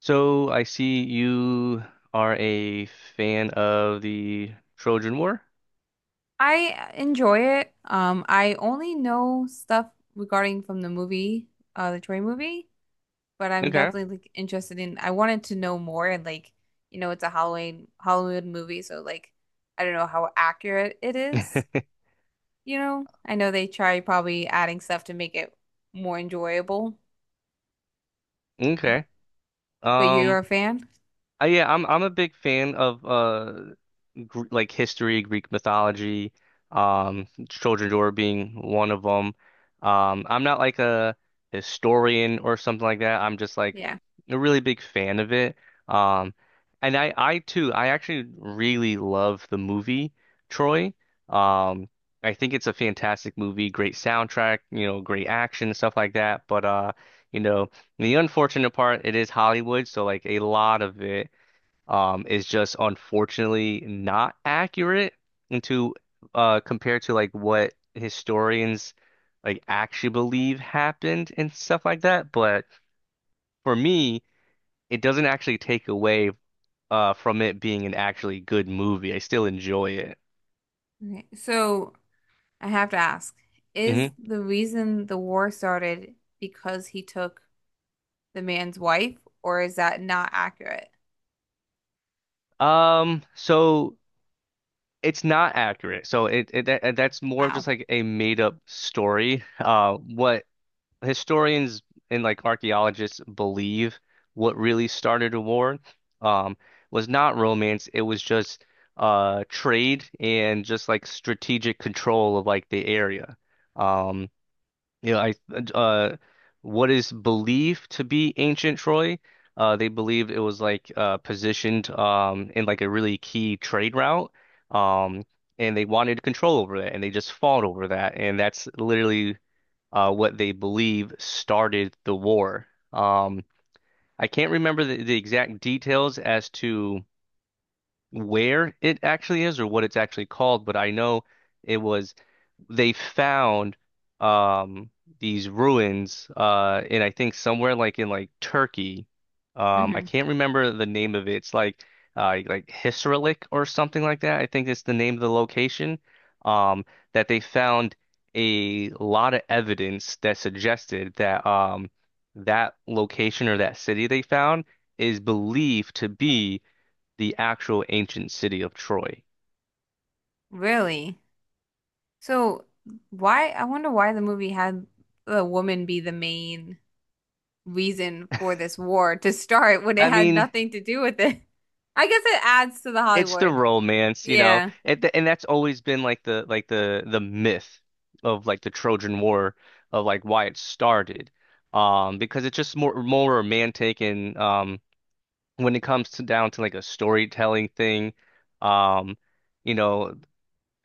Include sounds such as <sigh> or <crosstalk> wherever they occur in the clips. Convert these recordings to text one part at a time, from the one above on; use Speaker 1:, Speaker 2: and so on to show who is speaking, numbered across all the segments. Speaker 1: So I see you are a fan of the Trojan War.
Speaker 2: I enjoy it. I only know stuff regarding from the movie, the Troy movie, but I'm
Speaker 1: Okay.
Speaker 2: definitely like interested in. I wanted to know more, and like, it's a Halloween Hollywood movie, so like, I don't know how accurate it is.
Speaker 1: <laughs>
Speaker 2: You know, I know they try probably adding stuff to make it more enjoyable,
Speaker 1: Okay.
Speaker 2: but but you're
Speaker 1: Um,
Speaker 2: a fan?
Speaker 1: yeah, I'm a big fan of like history, Greek mythology, Trojan War being one of them. I'm not like a historian or something like that. I'm just like
Speaker 2: Yeah.
Speaker 1: a really big fan of it. Um, and I too, I actually really love the movie Troy. Um, I think it's a fantastic movie, great soundtrack, great action, stuff like that. But you know, the unfortunate part, it is Hollywood, so like a lot of it is just unfortunately not accurate into compared to like what historians like actually believe happened and stuff like that. But for me, it doesn't actually take away from it being an actually good movie. I still enjoy it.
Speaker 2: Okay. So I have to ask, is
Speaker 1: Hmm.
Speaker 2: the reason the war started because he took the man's wife, or is that not accurate?
Speaker 1: So it's not accurate. That's more of just
Speaker 2: Wow.
Speaker 1: like a made up story. What historians and like archaeologists believe what really started a war um, was not romance. It was just trade and just like strategic control of like the area. Um, you know, I uh, what is believed to be ancient Troy, they believed it was like positioned in like a really key trade route. Um, And they wanted control over that, and they just fought over that, and that's literally what they believe started the war. Um, I can't remember the exact details as to where it actually is or what it's actually called, but I know it was they found um these ruins in I think somewhere like in like Turkey. I
Speaker 2: Hmm.
Speaker 1: can't remember the name of it. It's like Hisarlik or something like that. I think it's the name of the location. Um that they found a lot of evidence that suggested that that location or that city they found is believed to be the actual ancient city of Troy.
Speaker 2: Really? So why, I wonder why the movie had the woman be the main reason for this war to start when it
Speaker 1: I
Speaker 2: had
Speaker 1: mean,
Speaker 2: nothing to do with it. I guess it adds to the
Speaker 1: it's the
Speaker 2: Hollywood.
Speaker 1: romance, you know,
Speaker 2: Yeah.
Speaker 1: and that's always been like the like the myth of like the Trojan War of like why it started, because it's just more romantic. And When it comes to down to like a storytelling thing, um, you know,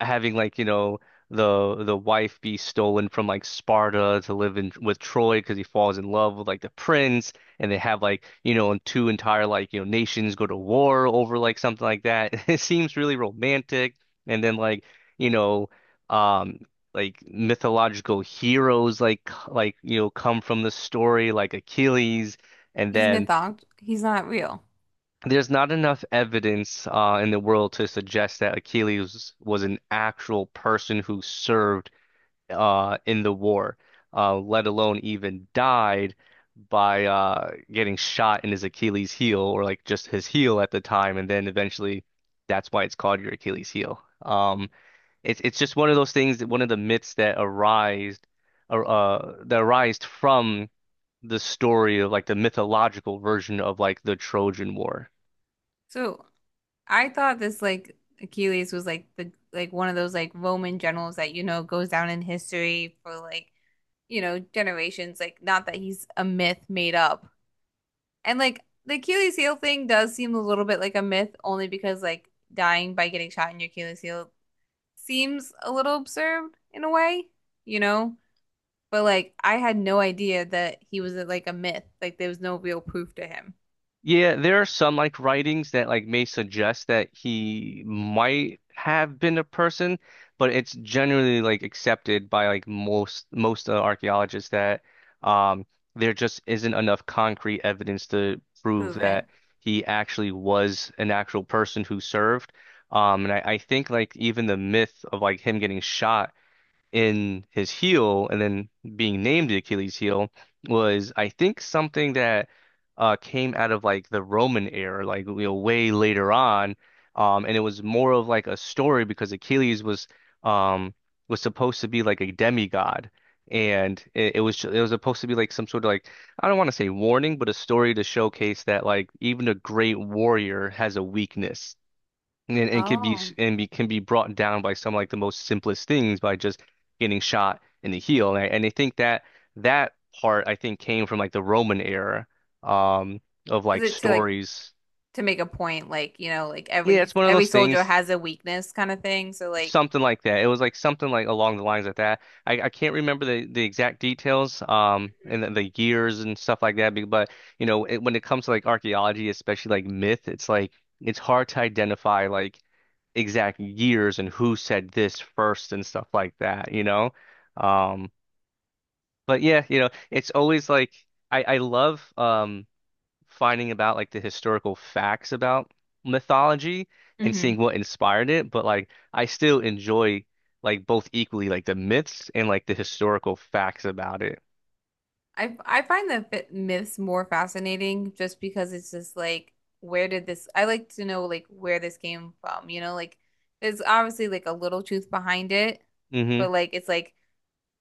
Speaker 1: having like, the wife be stolen from like Sparta to live in with Troy because he falls in love with like the prince and they have like, you know, and two entire like, nations go to war over like something like that. <laughs> It seems really romantic. And then like, you know, um like mythological heroes like like come from the story like Achilles. And
Speaker 2: He's
Speaker 1: then
Speaker 2: mythologized. He's not real.
Speaker 1: There's not enough evidence in the world to suggest that Achilles was an actual person who served in the war, let alone even died by getting shot in his Achilles heel or like just his heel at the time, and then eventually that's why it's called your Achilles heel. It's just one of those things, one of the myths that arise, that arised from the story of like the mythological version of like the Trojan War.
Speaker 2: So I thought this like Achilles was like the like one of those like Roman generals that you know goes down in history for like you know generations. Like not that he's a myth made up, and like the Achilles heel thing does seem a little bit like a myth, only because like dying by getting shot in your Achilles heel seems a little absurd in a way, you know? But like I had no idea that he was like a myth. Like there was no real proof to him.
Speaker 1: Yeah, there are some like writings that like may suggest that he might have been a person, but it's generally like accepted by like most archaeologists that um there just isn't enough concrete evidence to prove
Speaker 2: Prove it.
Speaker 1: that he actually was an actual person who served. I think like even the myth of like him getting shot in his heel and then being named the Achilles heel was, I think, something that came out of like the Roman era, like way later on. And it was more of like a story because Achilles um, was supposed to be like a demigod. And it, it was supposed to be like some sort of like, I don't want to say warning, but a story to showcase that like even a great warrior has a weakness and, and could be
Speaker 2: Oh.
Speaker 1: and be, can be brought down by some like the most simplest things by just getting shot in the heel. And I think that that part I think came from like the Roman era um, of
Speaker 2: Is
Speaker 1: like
Speaker 2: it to like
Speaker 1: stories.
Speaker 2: to make a point, like, you know, like
Speaker 1: Yeah,
Speaker 2: every
Speaker 1: it's one of
Speaker 2: every
Speaker 1: those
Speaker 2: soldier
Speaker 1: things,
Speaker 2: has a weakness kind of thing. So like
Speaker 1: something like that. It was like something like along the lines of that. I can't remember the exact details, the years and stuff like that. But you know, when it comes to like archaeology, especially like myth, it's like it's hard to identify like exact years and who said this first and stuff like that. Um, but yeah, it's always like I love finding about like the historical facts about mythology and seeing
Speaker 2: mhm.
Speaker 1: what inspired it, but like I still enjoy like both equally like the myths and like the historical facts about it.
Speaker 2: I find the fit myths more fascinating just because it's just like where did this I like to know like where this came from, you know, like there's obviously like a little truth behind it,
Speaker 1: Hmm.
Speaker 2: but like it's like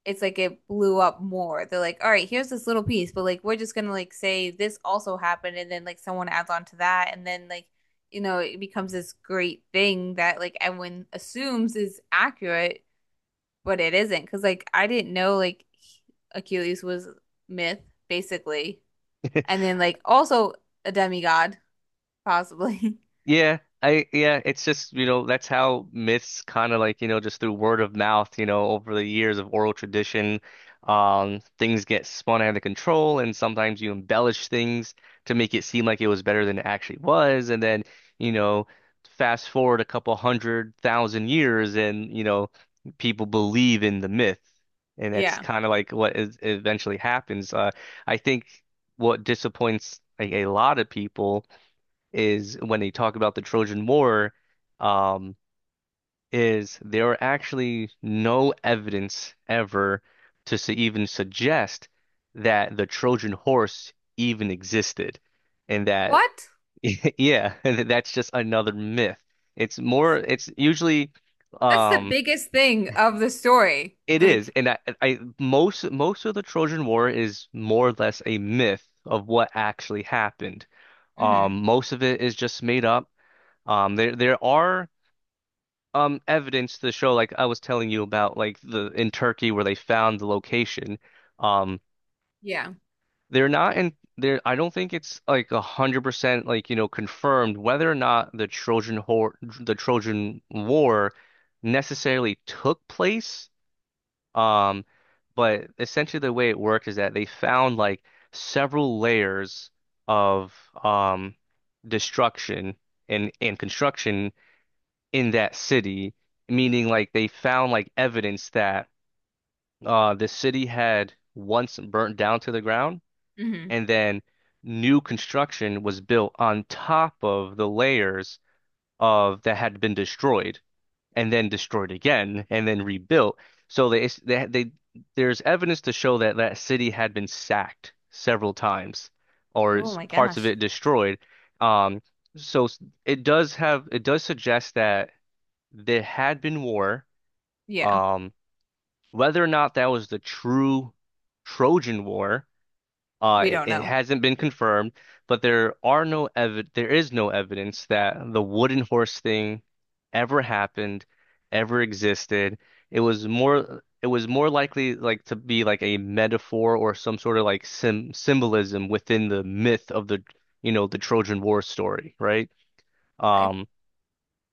Speaker 2: it's like it blew up more. They're like, all right, here's this little piece, but like we're just gonna like say this also happened and then like someone adds on to that and then like you know it becomes this great thing that like everyone assumes is accurate but it isn't because like I didn't know like Achilles was myth basically, and
Speaker 1: <laughs>
Speaker 2: then like also a demigod possibly. <laughs>
Speaker 1: Yeah, it's just, that's how myths kind of like, just through word of mouth, over the years of oral tradition, things get spun out of control and sometimes you embellish things to make it seem like it was better than it actually was. And then, you know, fast forward a couple 100,000 years and, people believe in the myth. And that's
Speaker 2: Yeah.
Speaker 1: kind of like what is eventually happens. I think what disappoints like a lot of people is when they talk about the Trojan War, um, is there are actually no evidence ever to s even suggest that the Trojan horse even existed, and that
Speaker 2: What?
Speaker 1: <laughs> yeah, <laughs> that's just another myth. It's more. It's usually,
Speaker 2: That's the
Speaker 1: um,
Speaker 2: biggest thing of the story.
Speaker 1: it is,
Speaker 2: Like,
Speaker 1: I most of the Trojan War is more or less a myth of what actually happened.
Speaker 2: hmm.
Speaker 1: Most of it is just made up. There are evidence to show like I was telling you about like the in Turkey where they found the location. Um
Speaker 2: Yeah.
Speaker 1: they're not in there. I don't think it's like 100% like confirmed whether or not the Trojan War necessarily took place. Um but essentially the way it worked is that they found like several layers of um destruction and construction in that city, meaning like they found like evidence that the city had once burnt down to the ground
Speaker 2: Hmm.
Speaker 1: and then new construction was built on top of the layers of that had been destroyed and then destroyed again and then rebuilt. So they there's evidence to show that that city had been sacked several times or
Speaker 2: Oh
Speaker 1: is
Speaker 2: my
Speaker 1: parts of
Speaker 2: gosh.
Speaker 1: it destroyed. Um, so it does have it does suggest that there had been war.
Speaker 2: Yeah.
Speaker 1: Um, Whether or not that was the true Trojan War,
Speaker 2: We don't
Speaker 1: it
Speaker 2: know.
Speaker 1: hasn't been confirmed, but there is no evidence that the wooden horse thing ever happened, ever existed. It was more likely like to be like a metaphor or some sort of like sim symbolism within the myth of the the Trojan War story, right?
Speaker 2: I
Speaker 1: Um,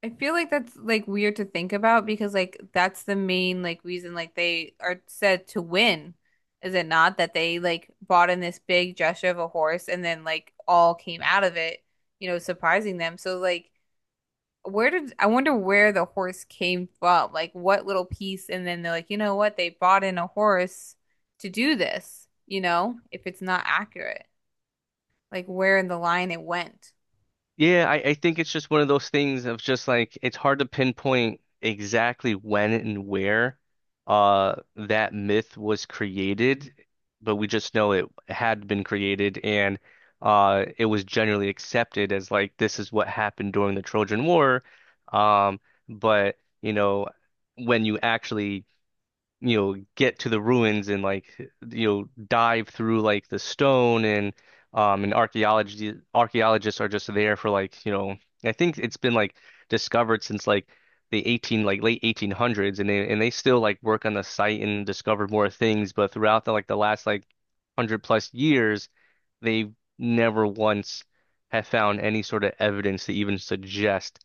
Speaker 2: I feel like that's like weird to think about because like that's the main like reason like they are said to win, is it not? That they like bought in this big gesture of a horse and then like all came out of it, you know, surprising them. So like where did I wonder where the horse came from? Like what little piece and then they're like, you know what, they bought in a horse to do this, you know, if it's not accurate like where in the line it went.
Speaker 1: Yeah, I think it's just one of those things of just like it's hard to pinpoint exactly when and where that myth was created, but we just know it had been created and it was generally accepted as like this is what happened during the Trojan War. Um, but you know, when you actually get to the ruins and like dive through like the stone and archaeology archaeologists are just there for like I think it's been like discovered since like the 18 like late 1800s and they still like work on the site and discover more things, but throughout the like the last like 100 plus years they've never once have found any sort of evidence to even suggest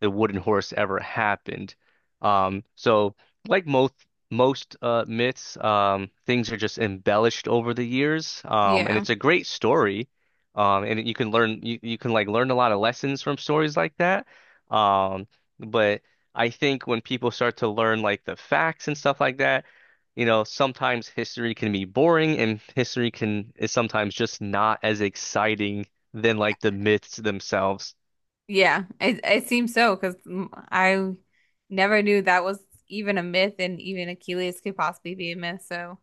Speaker 1: the wooden horse ever happened. So like most myths, things are just embellished over the years, and
Speaker 2: Yeah.
Speaker 1: it's a great story. And you can learn you, you can like learn a lot of lessons from stories like that. Um, but I think when people start to learn like the facts and stuff like that, sometimes history can be boring and history can is sometimes just not as exciting than like the myths themselves.
Speaker 2: Yeah. It seems so because I never knew that was even a myth and even Achilles could possibly be a myth. So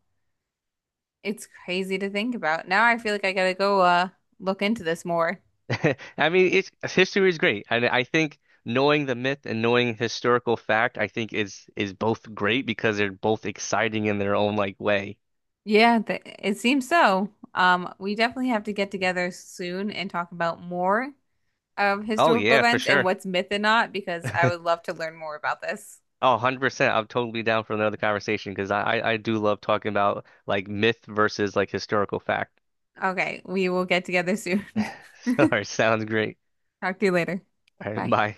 Speaker 2: it's crazy to think about. Now I feel like I gotta go look into this more.
Speaker 1: <laughs> I mean, it's history is great, and I think knowing the myth and knowing historical fact, I think is both great because they're both exciting in their own like way.
Speaker 2: Yeah, th it seems so. We definitely have to get together soon and talk about more of
Speaker 1: Oh
Speaker 2: historical
Speaker 1: yeah, for
Speaker 2: events and
Speaker 1: sure.
Speaker 2: what's myth and not, because I
Speaker 1: <laughs>
Speaker 2: would love to learn more about this.
Speaker 1: Oh, 100%. I'm totally down for another conversation because I do love talking about like myth versus like historical fact.
Speaker 2: Okay, we will get together soon.
Speaker 1: <laughs> All
Speaker 2: <laughs>
Speaker 1: right, sounds great.
Speaker 2: Talk to you later.
Speaker 1: All right,
Speaker 2: Bye.
Speaker 1: bye.